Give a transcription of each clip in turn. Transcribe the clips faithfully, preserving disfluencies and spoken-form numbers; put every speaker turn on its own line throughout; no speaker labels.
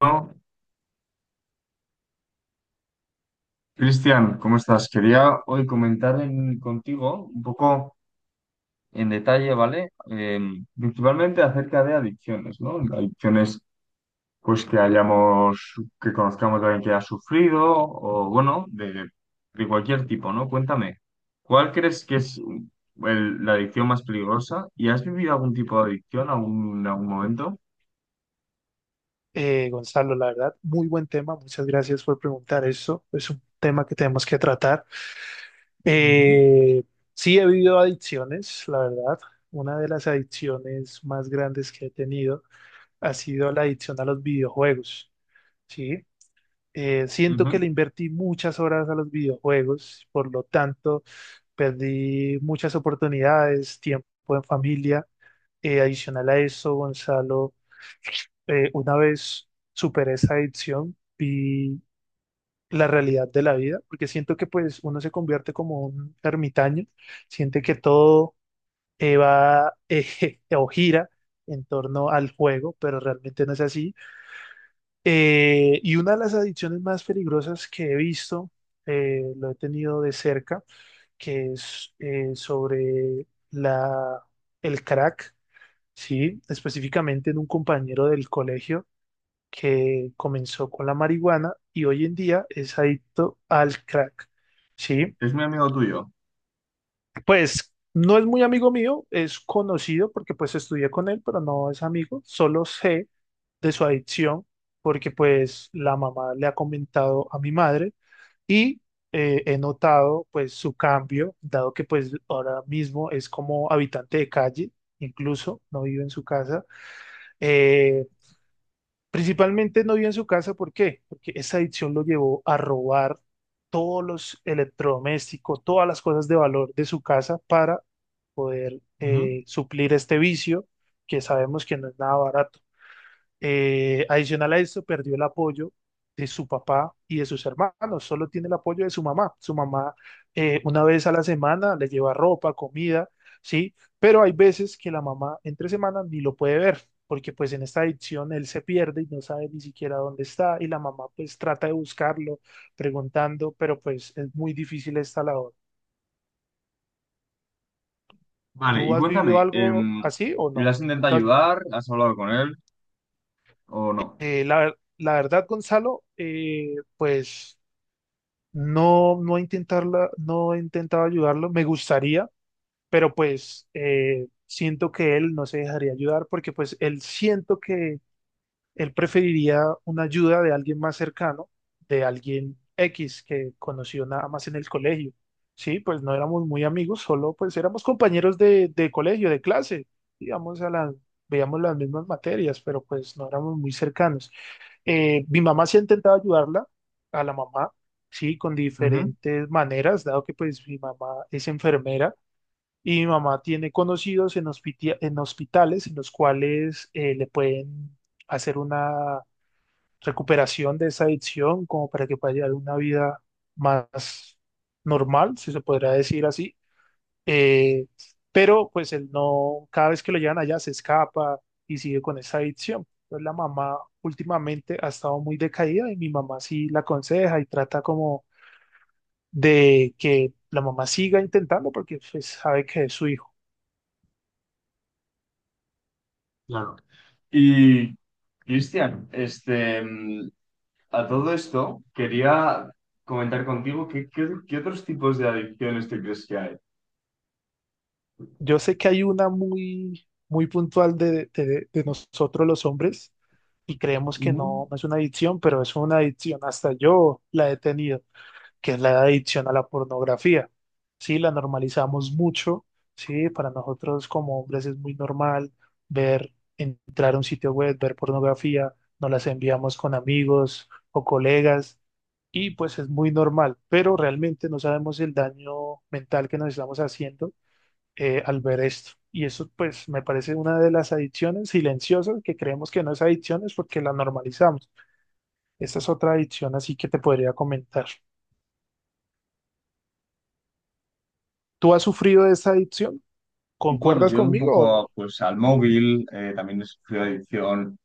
Bueno, Cristian, ¿cómo estás? Quería hoy comentar en- contigo un poco en detalle, ¿vale? Eh, principalmente acerca de adicciones, ¿no? Adicciones, pues que hayamos, que conozcamos a alguien que ha sufrido, o bueno, de, de cualquier tipo, ¿no? Cuéntame, ¿cuál crees que es el- la adicción más peligrosa? ¿Y has vivido algún tipo de adicción algún- en algún momento?
Eh, Gonzalo, la verdad, muy buen tema. Muchas gracias por preguntar eso. Es un tema que tenemos que tratar.
Ujú.
Eh, sí, he vivido adicciones, la verdad. Una de las adicciones más grandes que he tenido ha sido la adicción a los videojuegos, ¿sí? Eh, siento que
Ujú.
le invertí muchas horas a los videojuegos. Por lo tanto, perdí muchas oportunidades, tiempo en familia. Eh, adicional a eso, Gonzalo, eh, una vez superé esa adicción, vi la realidad de la vida, porque siento que pues uno se convierte como un ermitaño, siente que todo eh, va eh, o gira en torno al juego, pero realmente no es así. Eh, y una de las adicciones más peligrosas que he visto, eh, lo he tenido de cerca, que es eh, sobre la, el crack, ¿sí? Específicamente en un compañero del colegio que comenzó con la marihuana y hoy en día es adicto al crack, ¿sí?
Es mi amigo tuyo.
Pues no es muy amigo mío, es conocido porque pues estudié con él, pero no es amigo, solo sé de su adicción porque pues la mamá le ha comentado a mi madre y eh, he notado pues su cambio, dado que pues ahora mismo es como habitante de calle, incluso no vive en su casa. Eh, Principalmente no vio en su casa, ¿por qué? Porque esa adicción lo llevó a robar todos los electrodomésticos, todas las cosas de valor de su casa para poder eh, suplir este vicio, que sabemos que no es nada barato. Eh, adicional a eso, perdió el apoyo de su papá y de sus hermanos, solo tiene el apoyo de su mamá. Su mamá, eh, una vez a la semana le lleva ropa, comida, ¿sí? Pero hay veces que la mamá entre semanas ni lo puede ver, porque pues en esta adicción él se pierde y no sabe ni siquiera dónde está, y la mamá pues trata de buscarlo preguntando, pero pues es muy difícil esta labor.
Vale, y
¿Tú has vivido
cuéntame,
algo
em,
así o
¿le
no?
has intentado
¿Tú has-
ayudar? ¿Has hablado con él o no?
eh, la, la verdad, Gonzalo, eh, pues... No, no intentarla, no he intentado ayudarlo, me gustaría, pero pues eh, siento que él no se dejaría ayudar, porque pues él siento que él preferiría una ayuda de alguien más cercano, de alguien X que conoció nada más en el colegio. Sí, pues no éramos muy amigos, solo pues éramos compañeros de, de colegio, de clase, digamos, a la- veíamos las mismas materias, pero pues no éramos muy cercanos. Eh, mi mamá sí ha intentado ayudarla, a la mamá, sí, con
Ujú,
diferentes maneras, dado que pues mi mamá es enfermera y mi mamá tiene conocidos en, hospiti- en hospitales en los cuales eh, le pueden hacer una recuperación de esa adicción como para que pueda llevar una vida más normal, si se podrá decir así. Eh, pero pues él no, cada vez que lo llevan allá se escapa y sigue con esa adicción. Entonces la mamá últimamente ha estado muy decaída y mi mamá sí la aconseja y trata como de que la mamá siga intentando, porque pues sabe que es su hijo.
claro. Y, Cristian, este, mm, a todo esto quería comentar contigo qué, qué, qué otros tipos de adicciones te crees que hay.
Yo sé que hay una muy, muy puntual de, de, de nosotros los hombres, y creemos que
Ujú.
no, no es una adicción, pero es una adicción. Hasta yo la he tenido. Que es la adicción a la pornografía. Sí, la normalizamos mucho, sí, para nosotros como hombres es muy normal ver, entrar a un sitio web, ver pornografía, nos las enviamos con amigos o colegas y pues es muy normal, pero realmente no sabemos el daño mental que nos estamos haciendo eh, al ver esto. Y eso pues me parece una de las adicciones silenciosas que creemos que no es adicciones porque la normalizamos. Esta es otra adicción así que te podría comentar. ¿Tú has sufrido de esta adicción?
Bueno,
¿Concuerdas
yo un
conmigo o no?
poco pues al móvil, eh, también he sufrido adicción.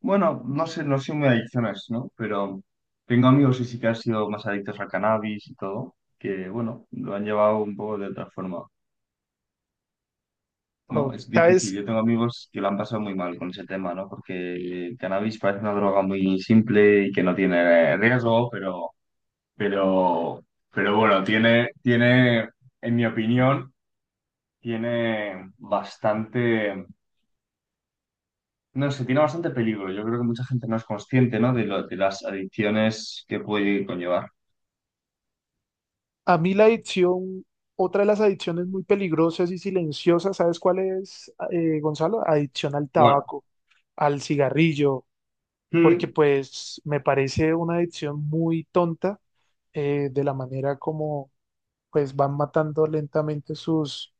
Bueno, no sé, no soy muy adicciones, ¿no? Pero tengo amigos que sí, que han sido más adictos al cannabis y todo, que bueno, lo han llevado un poco de otra forma. No,
O-
es difícil.
¿Sabes?
Yo tengo amigos que lo han pasado muy mal con ese tema, ¿no? Porque el cannabis parece una droga muy simple y que no tiene riesgo, pero, pero, pero bueno, tiene, tiene, en mi opinión, tiene bastante, no sé, tiene bastante peligro. Yo creo que mucha gente no es consciente, ¿no? De lo, de las adicciones que puede conllevar.
A mí la adicción, otra de las adicciones muy peligrosas y silenciosas, ¿sabes cuál es, eh, Gonzalo? Adicción al
Bueno.
tabaco, al cigarrillo, porque
Mm,
pues me parece una adicción muy tonta, eh, de la manera como pues van matando lentamente sus,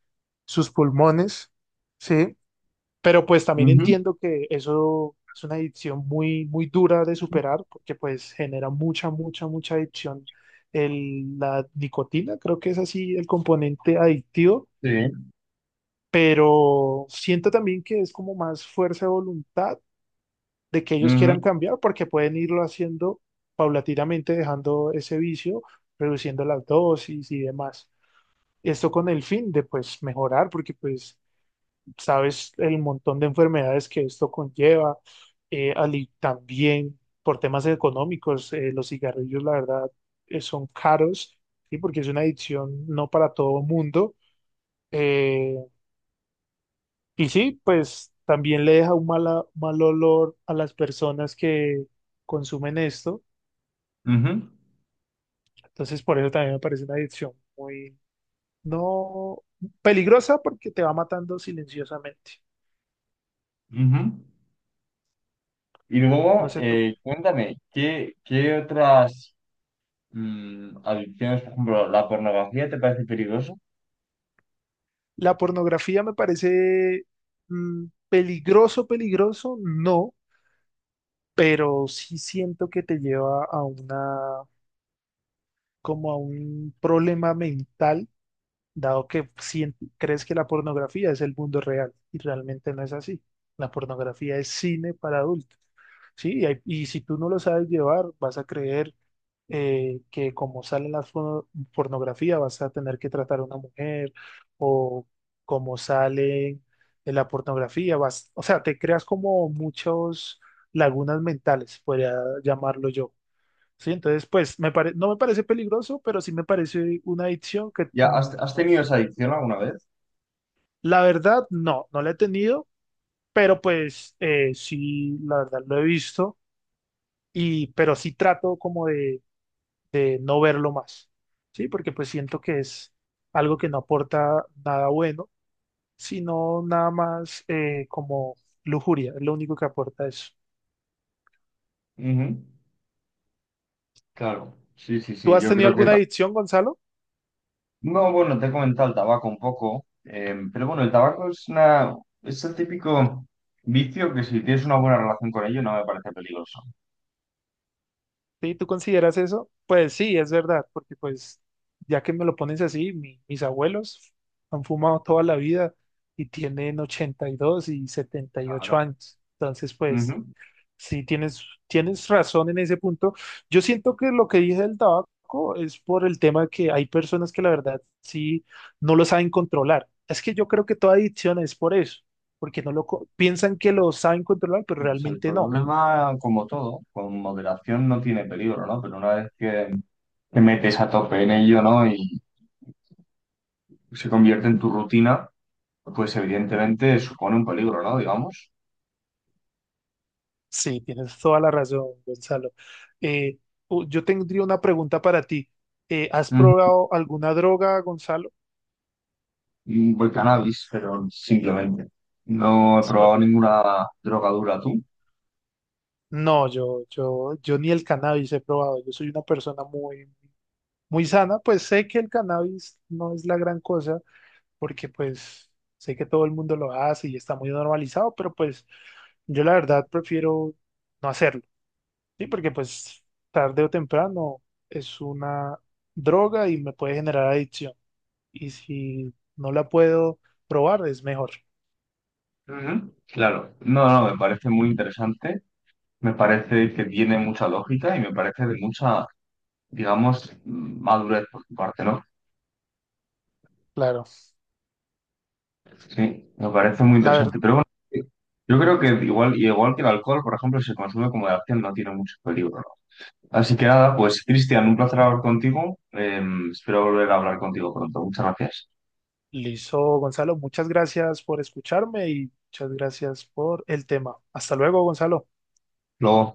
sus pulmones, ¿sí? Pero pues también
ujú,
entiendo que eso es una adicción muy, muy dura de superar, porque pues genera mucha, mucha, mucha adicción. El, la nicotina, creo que es así el componente adictivo,
sí.
pero siento también que es como más fuerza de voluntad de que ellos
Ujú,
quieran cambiar, porque pueden irlo haciendo paulatinamente, dejando ese vicio, reduciendo las dosis y demás. Esto con el fin de pues mejorar, porque pues sabes el montón de enfermedades que esto conlleva, eh, ali- también por temas económicos, eh, los cigarrillos, la verdad, eh, son caros, ¿sí? Porque es una adicción no para todo mundo. eh, y sí, pues también le deja un mala- mal olor a las personas que consumen esto.
ujú,
Entonces, por eso también me parece una adicción muy, no peligrosa, porque te va matando silenciosamente.
ujú. Y
No
luego,
sé tú.
eh, cuéntame, ¿qué, qué otras mm, adicciones? Por ejemplo, ¿la pornografía te parece peligrosa?
La pornografía me parece mm, peligroso, peligroso, no, pero sí siento que te lleva a una, como a un problema mental, dado que sien- crees que la pornografía es el mundo real y realmente no es así. La pornografía es cine para adultos. Sí, y, hay- y si tú no lo sabes llevar, vas a creer eh, que como sale en la fo- pornografía, vas a tener que tratar a una mujer, o como sale en la pornografía, vas, o sea, te creas como muchos lagunas mentales, podría llamarlo yo. Sí, entonces, pues, me pare- no me parece peligroso, pero sí me parece una adicción que,
¿Ya has,
mm,
has
no...
tenido esa adicción alguna vez?
La verdad, no, no la he tenido, pero pues eh, sí, la verdad lo he visto, y pero sí trato como de de no verlo más, ¿sí? Porque pues siento que es algo que no aporta nada bueno, sino nada más eh, como lujuria, es lo único que aporta eso.
Ujú. Claro, sí, sí,
¿Tú
sí,
has
yo
tenido
creo que...
alguna
ta-
adicción, Gonzalo?
No, bueno, te he comentado el tabaco un poco, em, pero bueno, el tabaco es una... es el típico vicio que si tienes una buena relación con ello no me parece peligroso.
¿Sí? ¿Tú consideras eso? Pues sí, es verdad, porque pues ya que me lo pones así, mi- mis abuelos han fumado toda la vida y tienen ochenta y dos y y setenta y ocho
Claro.
años, entonces pues...
Ujú.
Sí, tienes, tienes razón en ese punto. Yo siento que lo que dije del tabaco es por el tema de que hay personas que la verdad sí no lo saben controlar. Es que yo creo que toda adicción es por eso, porque no lo co- piensan que lo saben controlar, pero
O sea, el
realmente no.
problema, como todo, con moderación no tiene peligro, ¿no? Pero una vez que te metes a tope en ello, ¿no? Y se convierte en tu rutina, pues evidentemente supone un peligro, ¿no? Digamos.
Sí, tienes toda la razón, Gonzalo. Eh, u- yo tendría una pregunta para ti. Eh, ¿has
Ujú.
probado alguna droga, Gonzalo?
Mm, voy cannabis, pero simplemente. No he
So-
probado ninguna droga dura tú.
no, yo, yo, yo ni el cannabis he probado. Yo soy una persona muy muy sana, pues sé que el cannabis no es la gran cosa, porque pues sé que todo el mundo lo hace y está muy normalizado, pero pues yo la verdad prefiero no hacerlo, ¿sí? Porque pues tarde o temprano es una droga y me puede generar adicción. Y si no la puedo probar, es mejor.
Ujú. Claro, no, no, me parece muy interesante, me parece que tiene mucha lógica y me parece de mucha, digamos, madurez por tu parte, ¿no?
Claro.
Sí, me parece muy
La verdad,
interesante, pero bueno, yo creo que igual, igual que el alcohol, por ejemplo, si se consume como de acción no tiene mucho peligro, ¿no? Así que nada, pues Cristian, un placer hablar contigo. Em, espero volver a hablar contigo pronto. Muchas gracias.
listo, Gonzalo, muchas gracias por escucharme y muchas gracias por el tema. Hasta luego, Gonzalo.
Luego.